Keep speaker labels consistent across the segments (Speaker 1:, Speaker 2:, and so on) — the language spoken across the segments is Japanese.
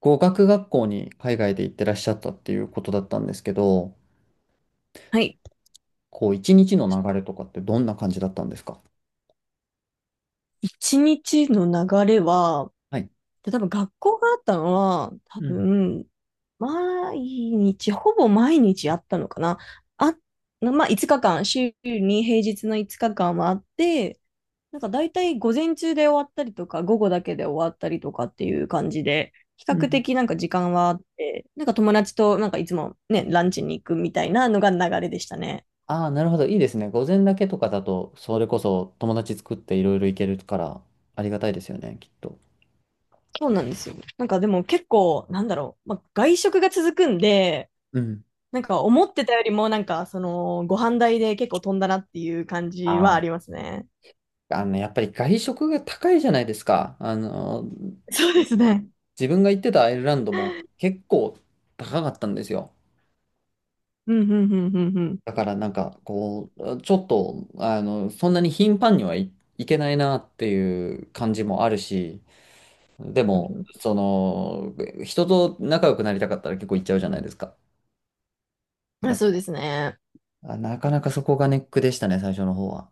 Speaker 1: 語学学校に海外で行ってらっしゃったっていうことだったんですけど、
Speaker 2: はい。
Speaker 1: こう、一日の流れとかってどんな感じだったんですか？
Speaker 2: 一日の流れは、
Speaker 1: はい。
Speaker 2: 多分学校があったのは、多
Speaker 1: うん。
Speaker 2: 分、毎日、ほぼ毎日あったのかな。あ、まあ、5日間、週に平日の5日間はあって、なんか大体午前中で終わったりとか、午後だけで終わったりとかっていう感じで、比
Speaker 1: う
Speaker 2: 較
Speaker 1: ん。
Speaker 2: 的なんか時間はあって、なんか友達となんかいつもね、ランチに行くみたいなのが流れでしたね。
Speaker 1: ああ、なるほど。いいですね。午前だけとかだと、それこそ友達作っていろいろ行けるから、ありがたいですよね、きっと。
Speaker 2: そうなんですよ。なんかでも結構、なんだろう、まあ、外食が続くんで、
Speaker 1: うん。
Speaker 2: なんか思ってたよりもなんかそのご飯代で結構飛んだなっていう感じはあ
Speaker 1: あ
Speaker 2: りますね。
Speaker 1: あ。あの、やっぱり外食が高いじゃないですか。あの、
Speaker 2: そうですね。
Speaker 1: 自分が行ってたアイルランドも結構高かったんですよ。
Speaker 2: うんうんうんうんうん
Speaker 1: だからなんかこう、ちょっと、あの、そんなに頻繁にはい、いけないなっていう感じもあるし、で
Speaker 2: うん
Speaker 1: も、
Speaker 2: うん。
Speaker 1: その、人と仲良くなりたかったら結構行っちゃうじゃないですか。
Speaker 2: あ、
Speaker 1: だ
Speaker 2: そうで
Speaker 1: か
Speaker 2: すね。
Speaker 1: ら、なかなかそこがネックでしたね、最初の方は。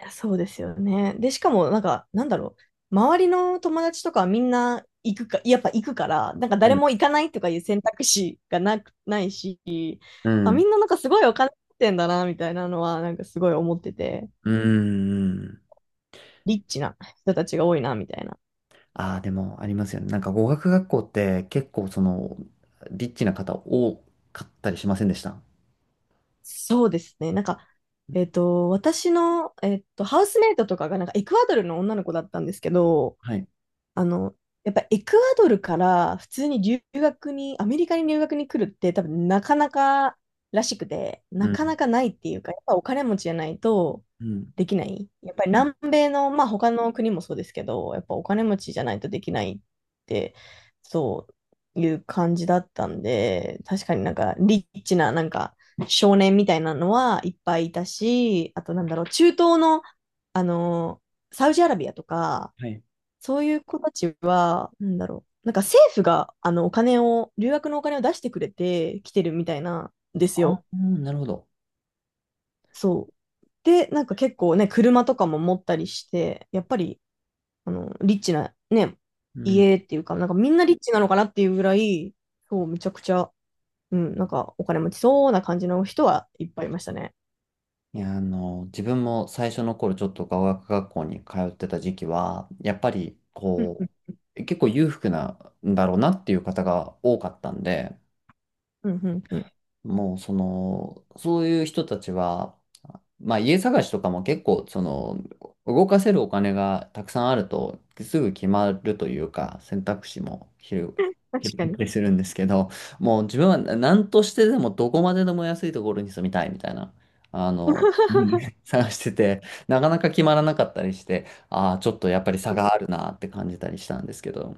Speaker 2: いやそうですよね。で、しかもなんかなんだろう。周りの友達とかはみんな行くか、やっぱ行くから、なんか
Speaker 1: う
Speaker 2: 誰
Speaker 1: ん。
Speaker 2: も行かないとかいう選択肢がないし、
Speaker 1: う
Speaker 2: あ、み
Speaker 1: ん。
Speaker 2: んななんかすごいお金持ってんだな、みたいなのはなんかすごい思ってて、
Speaker 1: うん。うん。
Speaker 2: リッチな人たちが多いな、みたいな。
Speaker 1: ああ、でもありますよね。なんか語学学校って結構その、リッチな方多かったりしませんでした？
Speaker 2: そうですね。なんか、私の、ハウスメイトとかが、なんか、エクアドルの女の子だったんですけど、
Speaker 1: はい。
Speaker 2: あの、やっぱエクアドルから普通に留学に、アメリカに留学に来るって多分なかなからしくて、
Speaker 1: う
Speaker 2: なか
Speaker 1: ん。
Speaker 2: なかないっていうか、やっぱお金持ちじゃないと
Speaker 1: うん。
Speaker 2: できない。やっぱり
Speaker 1: うん。
Speaker 2: 南米の、まあ他の国もそうですけど、やっぱお金持ちじゃないとできないって、そういう感じだったんで、確かになんかリッチななんか少年みたいなのはいっぱいいたし、あとなんだろう、中東の、あの、サウジアラビアとか、
Speaker 1: はい。
Speaker 2: そういう子たちは、なんだろう。なんか政府が、お金を、留学のお金を出してくれて来てるみたいなんです
Speaker 1: ああ、
Speaker 2: よ。
Speaker 1: なるほど。
Speaker 2: そう。で、なんか結構ね、車とかも持ったりして、やっぱり、リッチな、ね、
Speaker 1: うん。
Speaker 2: 家っていうか、なんかみんなリッチなのかなっていうぐらい、そう、めちゃくちゃ、うん、なんかお金持ちそうな感じの人はいっぱいいましたね。
Speaker 1: いや、あの、自分も最初の頃ちょっと語学学校に通ってた時期は、やっぱり
Speaker 2: うんう
Speaker 1: こ
Speaker 2: ん
Speaker 1: う、結構裕福なんだろうなっていう方が多かったんで、
Speaker 2: うんうんうん。
Speaker 1: もうその、そういう人たちはまあ家探しとかも結構、その、動かせるお金がたくさんあると、すぐ決まるというか、選択肢も広
Speaker 2: 確
Speaker 1: 広
Speaker 2: か
Speaker 1: がった
Speaker 2: に。
Speaker 1: りするんですけど、もう自分は何としてでもどこまででも安いところに住みたいみたいな、あの、うん、 探してて、なかなか決まらなかったりして、ああ、ちょっとやっぱり差があるなって感じたりしたんですけど。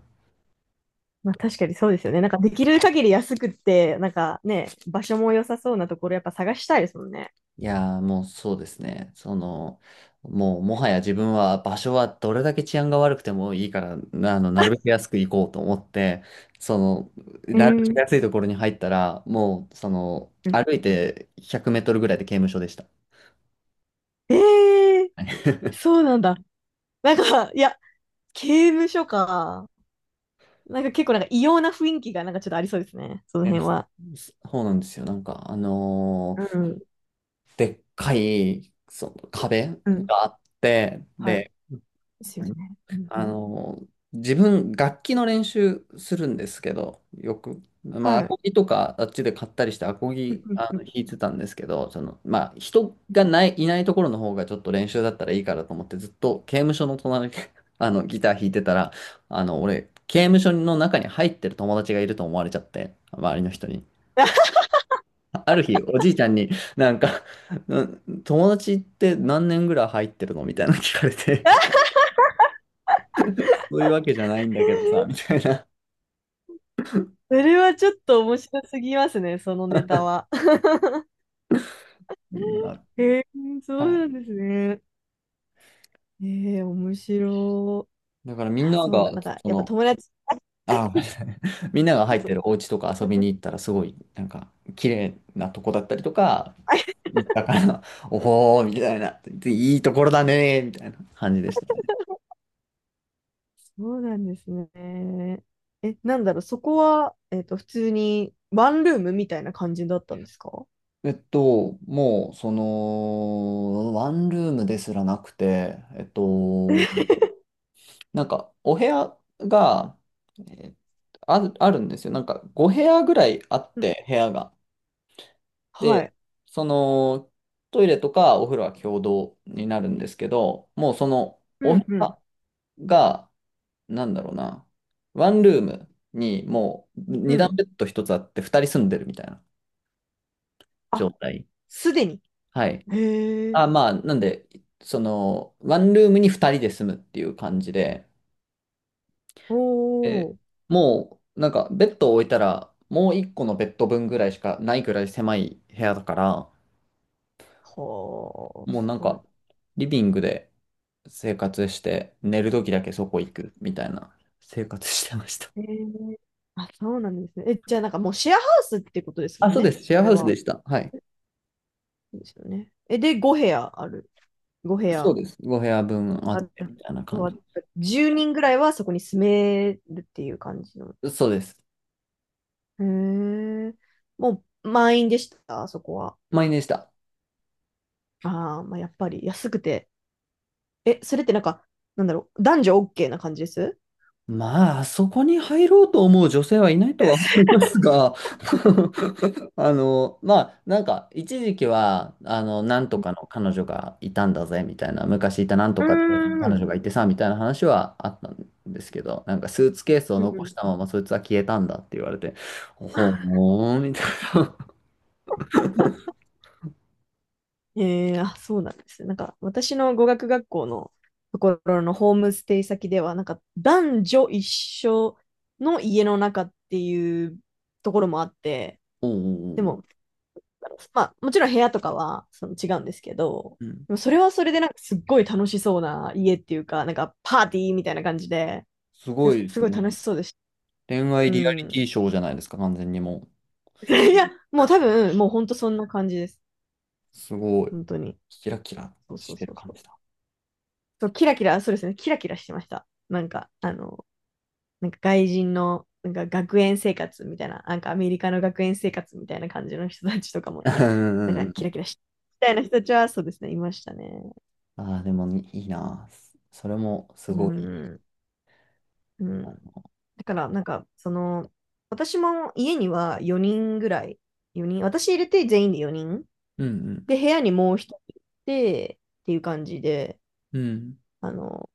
Speaker 2: まあ確かにそうですよね。なんかできる限り安くって、なんかね、場所も良さそうなところやっぱ探したいですもんね。
Speaker 1: いやー、もうそうですね。その、もうもはや自分は場所はどれだけ治安が悪くてもいいから、なあの、なるべく安く行こうと思って、その、
Speaker 2: え
Speaker 1: なるべく
Speaker 2: ー、
Speaker 1: 安いところに入ったら、もう、その、歩いて100メートルぐらいで刑務所でした。
Speaker 2: えー、そうなんだ。なんか、いや、刑務所か。なんか結構なんか異様な雰囲気がなんかちょっとありそうですね。その
Speaker 1: いや、
Speaker 2: 辺
Speaker 1: そ
Speaker 2: は。
Speaker 1: そうなんですよ。なんか、
Speaker 2: うん。
Speaker 1: でっかい、その壁
Speaker 2: うん。
Speaker 1: があって、
Speaker 2: はい。
Speaker 1: で、
Speaker 2: ですよね。うんう
Speaker 1: あ
Speaker 2: ん。
Speaker 1: の、自分、楽器の練習するんですけど、よく。まあ、ア
Speaker 2: はい。
Speaker 1: コギとか、あっちで買ったりして、アコ
Speaker 2: うん
Speaker 1: ギ、
Speaker 2: うん
Speaker 1: あ
Speaker 2: う
Speaker 1: の、
Speaker 2: ん。
Speaker 1: 弾いてたんですけど、その、まあ、人がない、いないところの方がちょっと練習だったらいいからと思って、ずっと刑務所の隣で あの、ギター弾いてたら、あの、俺、刑務所の中に入ってる友達がいると思われちゃって、周りの人に。ある日、おじいちゃんになんか、うん友達って何年ぐらい入ってるのみたいなの聞かれて、そういうわけじゃないんだけどさ、みたいな。
Speaker 2: それはちょっと面白すぎますね、そのネタは。
Speaker 1: うん。
Speaker 2: えー、そ
Speaker 1: は
Speaker 2: うな
Speaker 1: い。
Speaker 2: んですね。えー、面白い。
Speaker 1: だからみん
Speaker 2: あ、
Speaker 1: な
Speaker 2: そう
Speaker 1: が、
Speaker 2: なん、なんか、
Speaker 1: そ
Speaker 2: やっぱ
Speaker 1: の、
Speaker 2: 友達。
Speaker 1: ごめんな さい。みんなが入 っ
Speaker 2: そ
Speaker 1: て
Speaker 2: う。
Speaker 1: るお家とか遊びに行ったら、すごい、なんか、綺麗なとこだったりとか、
Speaker 2: あ、
Speaker 1: 行ったから、おほー、みたいな、いいところだねー、みたいな感じでしたね。
Speaker 2: そうなんですね。え、なんだろう、そこは、普通にワンルームみたいな感じだったんですか？
Speaker 1: もう、その、ワンルームですらなくて、なんか、お部屋が、えーあるんですよ。なんか、5部屋ぐらいあっ
Speaker 2: うん。
Speaker 1: て、部屋が。
Speaker 2: は
Speaker 1: で、
Speaker 2: い。
Speaker 1: そのトイレとかお風呂は共同になるんですけど、もうそのお
Speaker 2: う
Speaker 1: 部
Speaker 2: ん、うん、
Speaker 1: 屋が、なんだろうな、ワンルームにもう
Speaker 2: う
Speaker 1: 二段
Speaker 2: ん。
Speaker 1: ベッド一つあって二人住んでるみたいな状
Speaker 2: あ、
Speaker 1: 態。
Speaker 2: すでに。
Speaker 1: はい。
Speaker 2: へえ。
Speaker 1: あ、まあ、なんで、その、ワンルームに二人で住むっていう感じで、
Speaker 2: お
Speaker 1: えー
Speaker 2: ー。
Speaker 1: もう、なんかベッドを置いたら、もう一個のベッド分ぐらいしかないぐらい狭い部屋だから、
Speaker 2: はあ、
Speaker 1: もう
Speaker 2: す
Speaker 1: なん
Speaker 2: ごい。
Speaker 1: か、リビングで生活して、寝る時だけそこ行くみたいな生活してました。
Speaker 2: へえ。あ、そうなんですね。え、じゃあなんかもうシェアハウスってことで すも
Speaker 1: あ、
Speaker 2: ん
Speaker 1: そうで
Speaker 2: ね。
Speaker 1: す。シェ
Speaker 2: そ
Speaker 1: アハ
Speaker 2: れ
Speaker 1: ウス
Speaker 2: は。
Speaker 1: でした。はい。
Speaker 2: そうですよね。え、で、5部屋ある。5部
Speaker 1: そう
Speaker 2: 屋
Speaker 1: です。ご部屋分あ
Speaker 2: あ
Speaker 1: っ
Speaker 2: る。
Speaker 1: てみたいな感じ。
Speaker 2: 10人ぐらいはそこに住めるっていう感じの。
Speaker 1: そうです。
Speaker 2: へえ。もう満員でした、あそこは。
Speaker 1: 満員でした。
Speaker 2: ああ、まあ、やっぱり安くて。え、それってなんか、なんだろう、男女 OK な感じです？
Speaker 1: まあ、あそこに入ろうと思う女性はいないとは思いますが、あの、まあ、なんか、一時期は、あの、なんとかの彼女がいたんだぜ、みたいな、昔いたなんと
Speaker 2: う
Speaker 1: かって
Speaker 2: ーん。う
Speaker 1: 彼
Speaker 2: ん
Speaker 1: 女がいてさ、みたいな話はあったんですけど、なんか、スーツケースを
Speaker 2: う
Speaker 1: 残し
Speaker 2: ん。
Speaker 1: たまま、そいつは消えたんだって言われて、ほーん、みたいな。
Speaker 2: ええ。 あ、そうなんですね。なんか、私の語学学校のところのホームステイ先では、なんか、男女一緒の家の中っていうところもあって、
Speaker 1: おーおー
Speaker 2: で
Speaker 1: お
Speaker 2: も、
Speaker 1: ー、
Speaker 2: だろう、まあ、もちろん部屋とかはその違うんですけど、
Speaker 1: うん。
Speaker 2: でもそれはそれでなんかすっごい楽しそうな家っていうか、なんかパーティーみたいな感じで、
Speaker 1: す
Speaker 2: で
Speaker 1: ごいで
Speaker 2: す
Speaker 1: す
Speaker 2: ごい楽
Speaker 1: ね。
Speaker 2: しそうでした。
Speaker 1: 恋愛
Speaker 2: う
Speaker 1: リアリテ
Speaker 2: ん。
Speaker 1: ィショーじゃないですか、完全にもう。
Speaker 2: いや、もう多分、もう本当そんな感じです。
Speaker 1: すごい。
Speaker 2: 本当に。
Speaker 1: キラキラ
Speaker 2: そうそ
Speaker 1: し
Speaker 2: う
Speaker 1: て
Speaker 2: そ
Speaker 1: る
Speaker 2: う
Speaker 1: 感
Speaker 2: そう。
Speaker 1: じだ。
Speaker 2: そうキラキラ、そうですね、キラキラしてました。なんか、なんか外人の、なんか学園生活みたいな、なんかアメリカの学園生活みたいな感じの人たちとか も、
Speaker 1: うんう
Speaker 2: なん
Speaker 1: ん
Speaker 2: か
Speaker 1: う
Speaker 2: キラ
Speaker 1: ん、
Speaker 2: キラしてみたいな人たちは、そうですね、いましたね。
Speaker 1: ああ、でもいいな。それもす
Speaker 2: う
Speaker 1: ごい。
Speaker 2: ん。うん。だからなんか、その、私も家には4人ぐらい、4人、私入れて全員で4人。
Speaker 1: うん
Speaker 2: で、部屋にもう一人いて、っていう感じで、
Speaker 1: うん。うん。
Speaker 2: あの、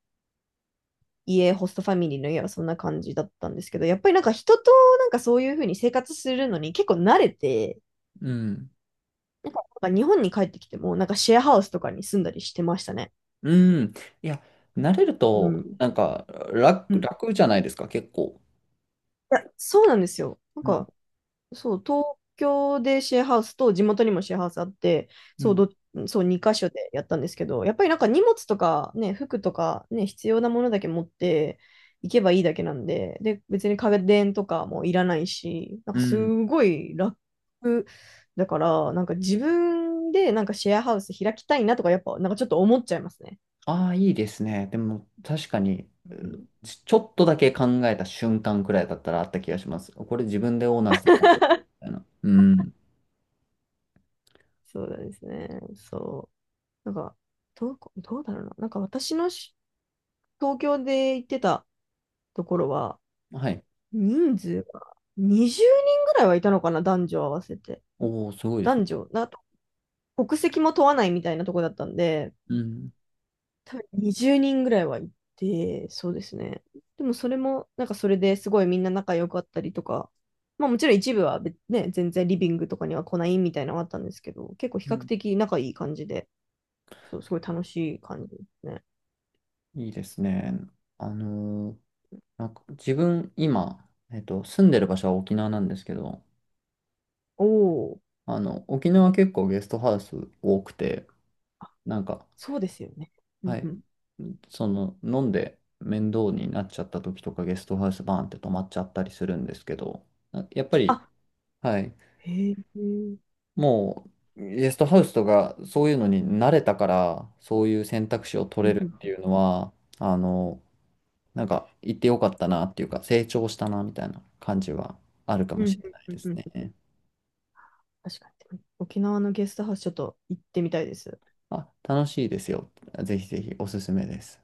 Speaker 2: ホストファミリーの家はそんな感じだったんですけど、やっぱりなんか人となんかそういう風に生活するのに結構慣れて、
Speaker 1: うん。
Speaker 2: なんか日本に帰ってきても、なんかシェアハウスとかに住んだりしてましたね。
Speaker 1: うん。いや、慣れる
Speaker 2: う
Speaker 1: と、
Speaker 2: ん。
Speaker 1: なんか
Speaker 2: う
Speaker 1: 楽、
Speaker 2: ん。い
Speaker 1: 楽じゃないですか、結構。
Speaker 2: や、そうなんですよ。なん
Speaker 1: うん。
Speaker 2: か、そう、東京でシェアハウスと地元にもシェアハウスあって、
Speaker 1: う
Speaker 2: そう、
Speaker 1: ん。
Speaker 2: ど、そう、2箇所でやったんですけど、やっぱりなんか荷物とかね、服とかね、必要なものだけ持って行けばいいだけなんで、で、別に家電とかもいらないし、なん
Speaker 1: う
Speaker 2: かす
Speaker 1: ん。
Speaker 2: ごい楽だから、なんか自分でなんかシェアハウス開きたいなとか、やっぱなんかちょっと思っちゃいますね。
Speaker 1: ああ、いいですね。でも、確かに、
Speaker 2: うん、
Speaker 1: ちょっとだけ考えた瞬間くらいだったらあった気がします。これ自分でオーナーしてたみたいな。うん。
Speaker 2: そうですね。そう。なんか、どうだろうな。なんか私のし東京で行ってたところは、
Speaker 1: はい。
Speaker 2: 人数が20人ぐらいはいたのかな、男女合わせて。
Speaker 1: おお、すごいです
Speaker 2: 男
Speaker 1: ね。
Speaker 2: 女、な、国籍も問わないみたいなとこだったんで、
Speaker 1: うん。
Speaker 2: 多分20人ぐらいはいて、そうですね。でもそれも、なんかそれですごいみんな仲良かったりとか、まあもちろん一部は別ね、全然リビングとかには来ないみたいなのがあったんですけど、結構比
Speaker 1: う
Speaker 2: 較
Speaker 1: ん。
Speaker 2: 的仲いい感じで、そう、すごい楽しい感じですね。
Speaker 1: いいですね。あのーなんか自分、今、住んでる場所は沖縄なんですけど、
Speaker 2: おお、
Speaker 1: あの、沖縄結構ゲストハウス多くて、なんか、
Speaker 2: そうですよね。う
Speaker 1: は
Speaker 2: んう
Speaker 1: い、
Speaker 2: ん、
Speaker 1: その、飲んで面倒になっちゃった時とかゲストハウスバーンって泊まっちゃったりするんですけど、やっぱり、
Speaker 2: あ、
Speaker 1: はい、
Speaker 2: へえ。うん
Speaker 1: もう、ゲストハウスとかそういうのに慣れたから、そういう選択肢を取
Speaker 2: う
Speaker 1: れ
Speaker 2: ん
Speaker 1: るっていうのは、あの、なんか、行ってよかったなっていうか、成長したなみたいな感じはあるか
Speaker 2: う
Speaker 1: もし
Speaker 2: ん
Speaker 1: れない
Speaker 2: う
Speaker 1: で
Speaker 2: んう
Speaker 1: す
Speaker 2: んうん。
Speaker 1: ね。
Speaker 2: 確かに。沖縄のゲストハウスちょっと行ってみたいです。
Speaker 1: あ、楽しいですよ。ぜひぜひおすすめです。